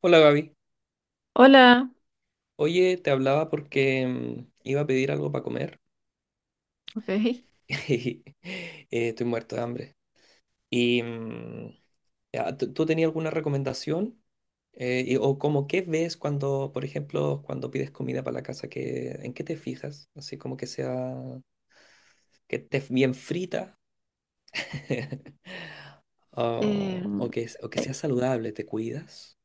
Hola Gaby. Hola, Oye, te hablaba porque iba a pedir algo para comer. ok. Y estoy muerto de hambre. Y ya, ¿tú tenías alguna recomendación? O como qué ves cuando, por ejemplo, cuando pides comida para la casa, ¿en qué te fijas? Así como que sea, que esté bien frita. o, Em, o que, o que eh, sea saludable, ¿te cuidas?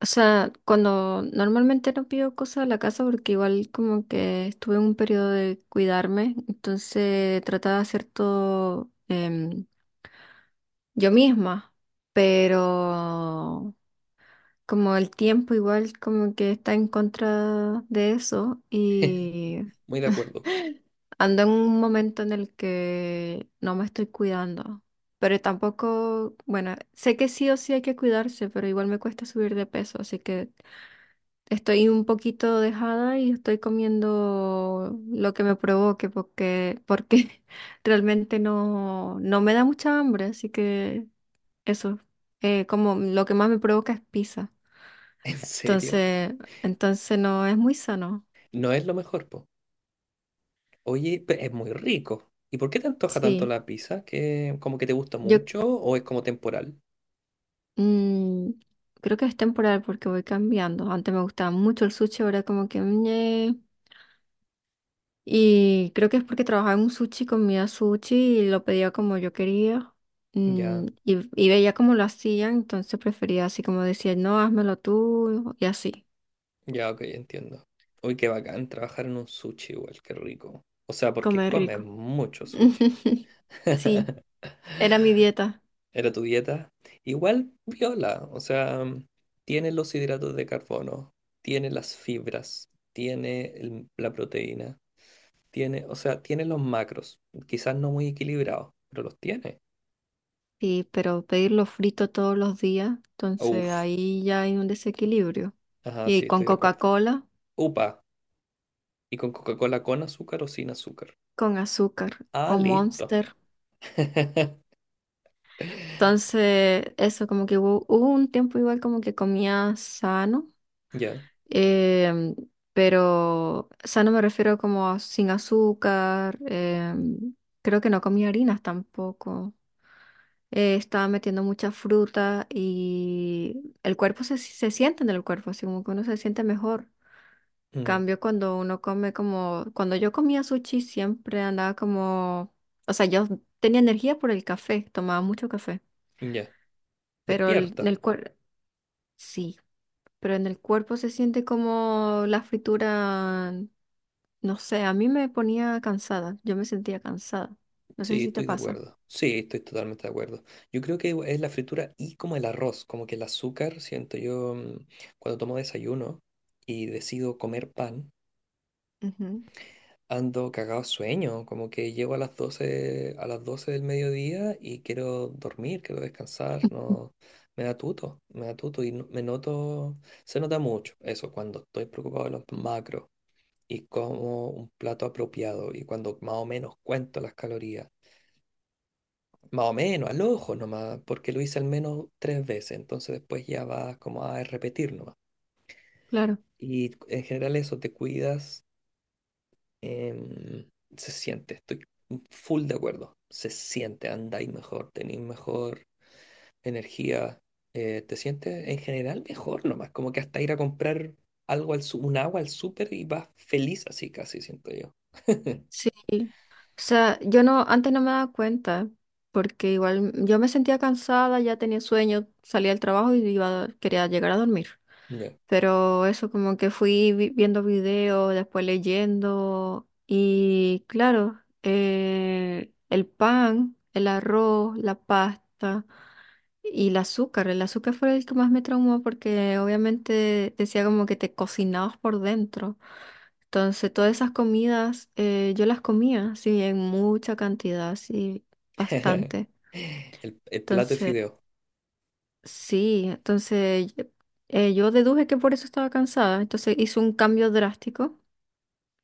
o sea, cuando normalmente no pido cosas a la casa porque igual como que estuve en un periodo de cuidarme, entonces trataba de hacer todo em, yo misma, pero como el tiempo igual como que está en contra de eso y Muy de acuerdo. ando en un momento en el que no me estoy cuidando, pero tampoco, bueno, sé que sí o sí hay que cuidarse, pero igual me cuesta subir de peso, así que estoy un poquito dejada y estoy comiendo lo que me provoque porque realmente no me da mucha hambre, así que eso, como lo que más me provoca es pizza. ¿En serio? Entonces, entonces no es muy sano. No es lo mejor, po. Oye, es muy rico. ¿Y por qué te antoja tanto Sí, la pizza? ¿Que como que te gusta yo mucho o es como temporal? mm, creo que es temporal porque voy cambiando. Antes me gustaba mucho el sushi, ahora como que ñe. Y creo que es porque trabajaba en un sushi, comía sushi y lo pedía como yo quería. Ya, Y veía cómo lo hacían, entonces prefería así como decía, no, házmelo tú y así, ya, ok, entiendo. Uy, qué bacán trabajar en un sushi igual, qué rico. O sea, porque comer comes rico. mucho sushi. Sí, era mi dieta. Era tu dieta. Igual viola, o sea, tiene los hidratos de carbono, tiene las fibras, tiene la proteína, tiene, o sea, tiene los macros. Quizás no muy equilibrados, pero los tiene. Sí, pero pedirlo frito todos los días, entonces Uf, ahí ya hay un desequilibrio. ajá, Y sí, con estoy de acuerdo. Coca-Cola, Upa. ¿Y con Coca-Cola con azúcar o sin azúcar? con azúcar Ah, o listo. Monster. Entonces, eso, como que hubo un tiempo igual como que comía sano, Ya. em, pero sano me refiero como a sin azúcar, creo que no comía harinas tampoco. Eh, estaba metiendo mucha fruta y el cuerpo se siente en el cuerpo, así como que uno se siente mejor. Mm. Cambio cuando uno come como, cuando yo comía sushi siempre andaba como, o sea, yo tenía energía por el café, tomaba mucho café. Ya. En Despierta. el cuerpo, sí, pero en el cuerpo se siente como la fritura, no sé, a mí me ponía cansada, yo me sentía cansada. No sé Sí, si te estoy de pasa. acuerdo. Sí, estoy totalmente de acuerdo. Yo creo que es la fritura y como el arroz, como que el azúcar, siento yo, cuando tomo desayuno y decido comer pan. Ujú. Ando cagado sueño, como que llego a las doce del mediodía y quiero dormir, quiero descansar, no, me da tuto y me noto, se nota mucho eso cuando estoy preocupado de los macros y como un plato apropiado y cuando más o menos cuento las calorías, más o menos, al ojo nomás, porque lo hice al menos tres veces, entonces después ya vas como a repetir nomás. Claro. Y en general eso, te cuidas. Em, Se siente, estoy full de acuerdo. Se siente, andáis mejor, tenéis mejor energía, te sientes en general mejor nomás, como que hasta ir a comprar algo un agua al súper y vas feliz así casi, siento yo. Sí, o sea, yo no, antes no me daba cuenta, porque igual yo me sentía cansada, ya tenía sueño, salía del trabajo y iba, quería llegar a dormir. Ya. Pero eso como que viendo videos, después leyendo, y claro, el pan, el arroz, la pasta y el azúcar. El azúcar fue el que más me traumó porque obviamente decía como que te cocinabas por dentro. Entonces, todas esas comidas yo las comía, sí, en mucha cantidad, sí, bastante. El plato de Entonces, fideo, sí, entonces yo deduje que por eso estaba cansada. Entonces hice un cambio drástico,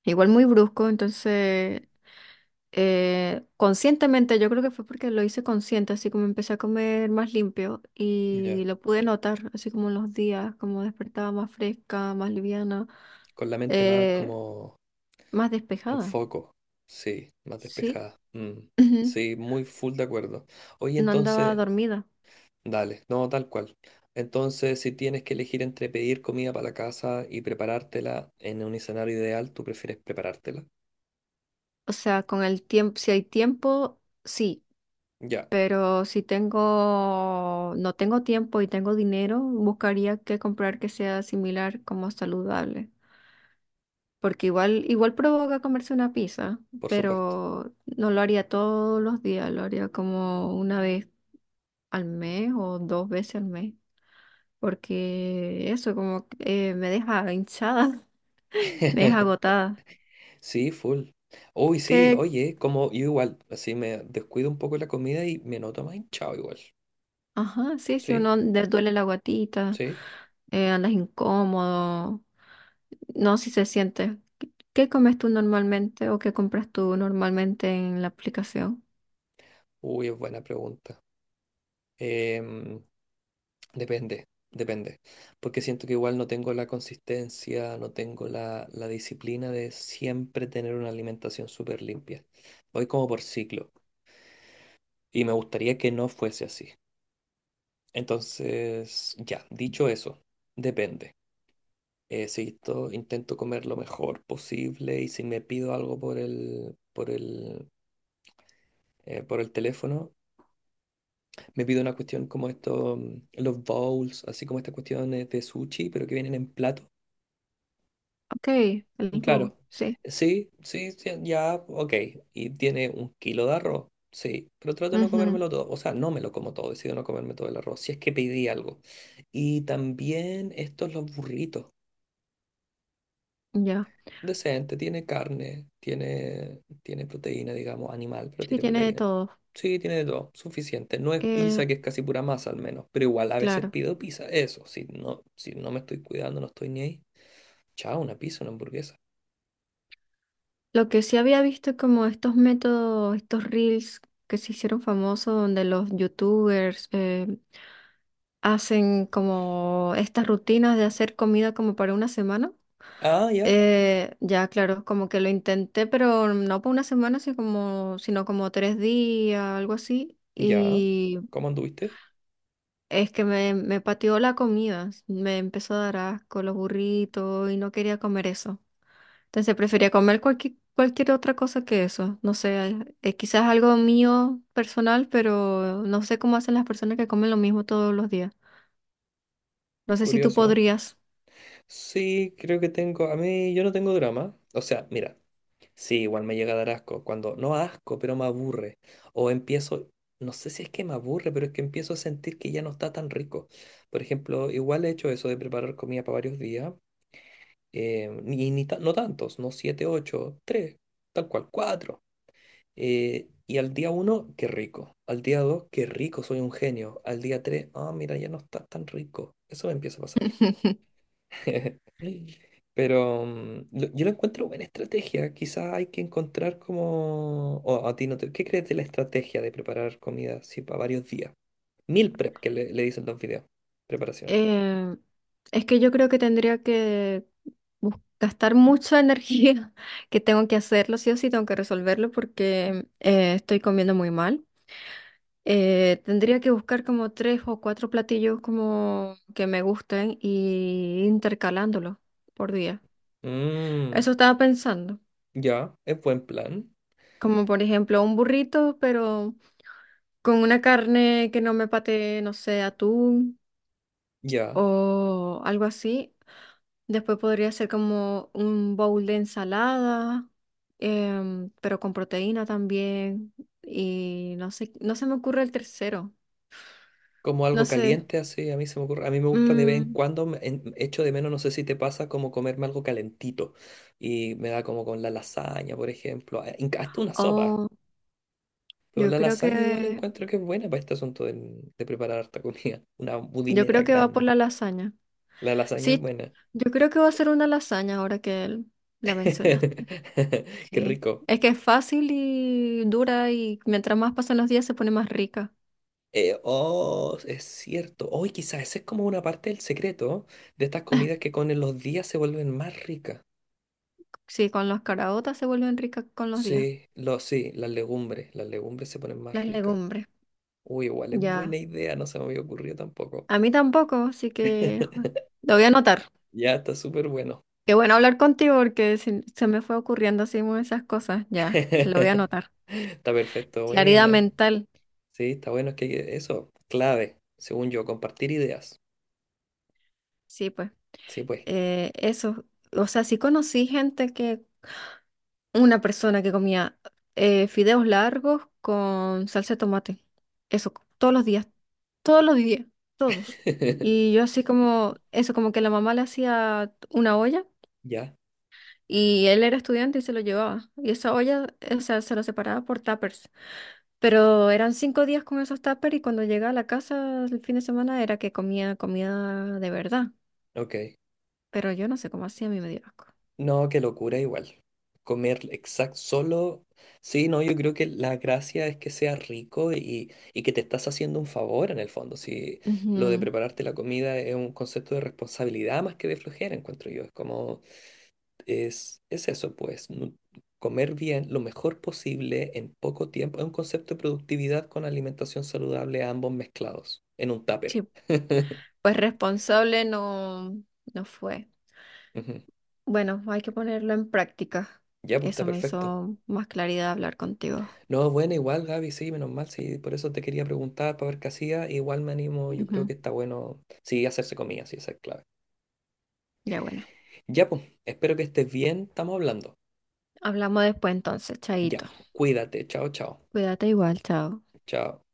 igual muy brusco. Entonces, conscientemente, yo creo que fue porque lo hice consciente, así como empecé a comer más limpio y ya. lo pude notar, así como en los días, como despertaba más fresca, más liviana, Con la mente más eh, como más en despejada, foco, sí, más sí. despejada. Mm. Sí, muy full de acuerdo. Oye, No andaba entonces... dormida. Dale, no, tal cual. Entonces, si tienes que elegir entre pedir comida para la casa y preparártela en un escenario ideal, tú prefieres preparártela. O sea, con el tiempo, si hay tiempo, sí, Ya, pero no tengo tiempo y tengo dinero, buscaría que comprar que sea similar como saludable. Porque igual, igual provoca comerse una pizza, por supuesto. pero no lo haría todos los días, lo haría como una vez al mes o dos veces al mes. Porque eso como que, me deja hinchada, me deja agotada. Sí, full. Uy, sí, oye, como yo igual, así me descuido un poco la comida y me noto más hinchado igual. Ajá, sí, si Sí, uno le duele la guatita, sí. Andas incómodo, no, si se siente. ¿Qué comes tú normalmente o qué compras tú normalmente en la aplicación? Uy, es buena pregunta. Em, Depende, depende. Porque siento que igual no tengo la consistencia, no tengo la disciplina de siempre tener una alimentación súper limpia. Voy como por ciclo y me gustaría que no fuese así. Entonces, ya, dicho eso, depende. Si intento comer lo mejor posible y si me pido algo por el teléfono, me pido una cuestión como esto, los bowls, así como estas cuestiones de sushi, pero que vienen en plato. Ok, el bowl, Claro. sí. Sí, sí, sí, ya, ok. ¿Y tiene un kilo de arroz? Sí, pero trato de no Ujú, comérmelo todo. O sea, no me lo como todo, decido no comerme todo el arroz, si es que pedí algo. Y también estos los burritos. ya. Decente, tiene carne, tiene proteína, digamos, animal, pero Sí, tiene tiene de proteína. todo. Sí, tiene de todo, suficiente. No es Eh, pizza, que es casi pura masa al menos, pero igual a veces claro. pido pizza. Eso, si no me estoy cuidando, no estoy ni ahí. Chao, una pizza, una hamburguesa. Lo que sí había visto como estos métodos, estos reels que se hicieron famosos donde los youtubers hacen como estas rutinas de hacer comida como para una semana. Ah, ya. Ya, claro, como que lo intenté, pero no por una semana, sino como 3 días, algo así. Ya, Y ¿cómo anduviste? es que me pateó la comida, me empezó a dar asco los burritos y no quería comer eso. Entonces prefería comer cualquier otra cosa que eso. No sé, quizás algo mío personal, pero no sé cómo hacen las personas que comen lo mismo todos los días. No sé si tú Curioso. podrías. Sí, creo que tengo. A mí, yo no tengo drama. O sea, mira, sí, igual me llega a dar asco. Cuando, no asco, pero me aburre. O empiezo, no sé si es que me aburre, pero es que empiezo a sentir que ya no está tan rico. Por ejemplo, igual he hecho eso de preparar comida para varios días. Ni, ni ta- No tantos, no siete, ocho, tres, tal cual, cuatro. Y al día uno, qué rico. Al día dos, qué rico, soy un genio. Al día tres, ah, mira, ya no está tan rico. Eso me empieza a pasar. Pero yo lo encuentro buena estrategia. Quizás hay que encontrar como... O a ti no te... ¿Qué crees de la estrategia de preparar comida así para varios días? Meal prep, que le dicen los videos. Preparación. Eh, es que yo creo que tendría que gastar mucha energía, que tengo que hacerlo, sí o sí, tengo que resolverlo porque estoy comiendo muy mal. Tendría que buscar como tres o cuatro platillos como que me gusten y intercalándolos por día. Mm, Eso estaba pensando, ya, es buen plan. como por ejemplo un burrito, pero con una carne que no me patee, no sé, atún Ya. o algo así. Después podría ser como un bowl de ensalada, pero con proteína también. Y no sé, no se me ocurre el tercero. Como No algo sé. caliente, así, a mí se me ocurre. A mí me gusta de vez en Mm, cuando, echo de menos, no sé si te pasa, como comerme algo calentito. Y me da como con la lasaña, por ejemplo. Hasta una sopa. oh, Pero yo la creo lasaña igual que, encuentro que es buena para este asunto preparar harta comida. Una yo budinera creo que va por grande. la lasaña. La lasaña es Sí, buena. yo creo que va a ser una lasaña ahora que la mencionaste. Qué Sí. rico. Es que es fácil y dura y mientras más pasan los días se pone más rica. Oh, es cierto. Hoy quizás esa es como una parte del secreto de estas comidas que con los días se vuelven más ricas. Sí, con las caraotas se vuelven ricas con los días. Sí, sí, las legumbres. Las legumbres se ponen Las más ricas. legumbres. Uy, igual es buena Ya. idea, no se me había ocurrido tampoco. A mí tampoco, así que lo voy a anotar. Ya está súper bueno. Qué bueno hablar contigo porque se me fue ocurriendo así muy esas cosas. Ya, lo voy a anotar. Está perfecto, Claridad buena. mental, Sí, está bueno, es que eso, clave, según yo, compartir ideas. sí, pues. Sí, pues. Eso. O sea, una persona que comía fideos largos con salsa de tomate. Eso, todos los días, todos los días, todos. Y yo así como, eso, como que la mamá le hacía una olla Ya, y él era estudiante y se lo llevaba. Y esa olla, o sea, se lo separaba por tuppers. Pero eran 5 días con esos tuppers y cuando llegaba a la casa el fin de semana era que comía comida de verdad. ok. Pero yo no sé cómo hacía, a mí me dio asco. No, qué locura igual. Comer exacto solo. Sí, no, yo creo que la gracia es que sea rico y que te estás haciendo un favor en el fondo. Si lo de Ujú. prepararte la comida es un concepto de responsabilidad más que de flojera, encuentro yo. Es como, es eso, pues, comer bien lo mejor posible en poco tiempo. Es un concepto de productividad con alimentación saludable, ambos mezclados, en un tupper. Sí, pues responsable no, no fue. Ujú. Bueno, hay que ponerlo en práctica. Ya, pues está Eso me perfecto. hizo más claridad hablar contigo. No, bueno, igual Gaby, sí, menos mal, sí, por eso te quería preguntar para ver qué hacía, igual me animo, yo creo Ujú. que está bueno, sí, hacerse comida, sí, esa es clave. Ya bueno, Ya, pues, espero que estés bien, estamos hablando. hablamos después entonces, Ya, chaito. cuídate, chao, chao, Cuídate igual, chao. chao.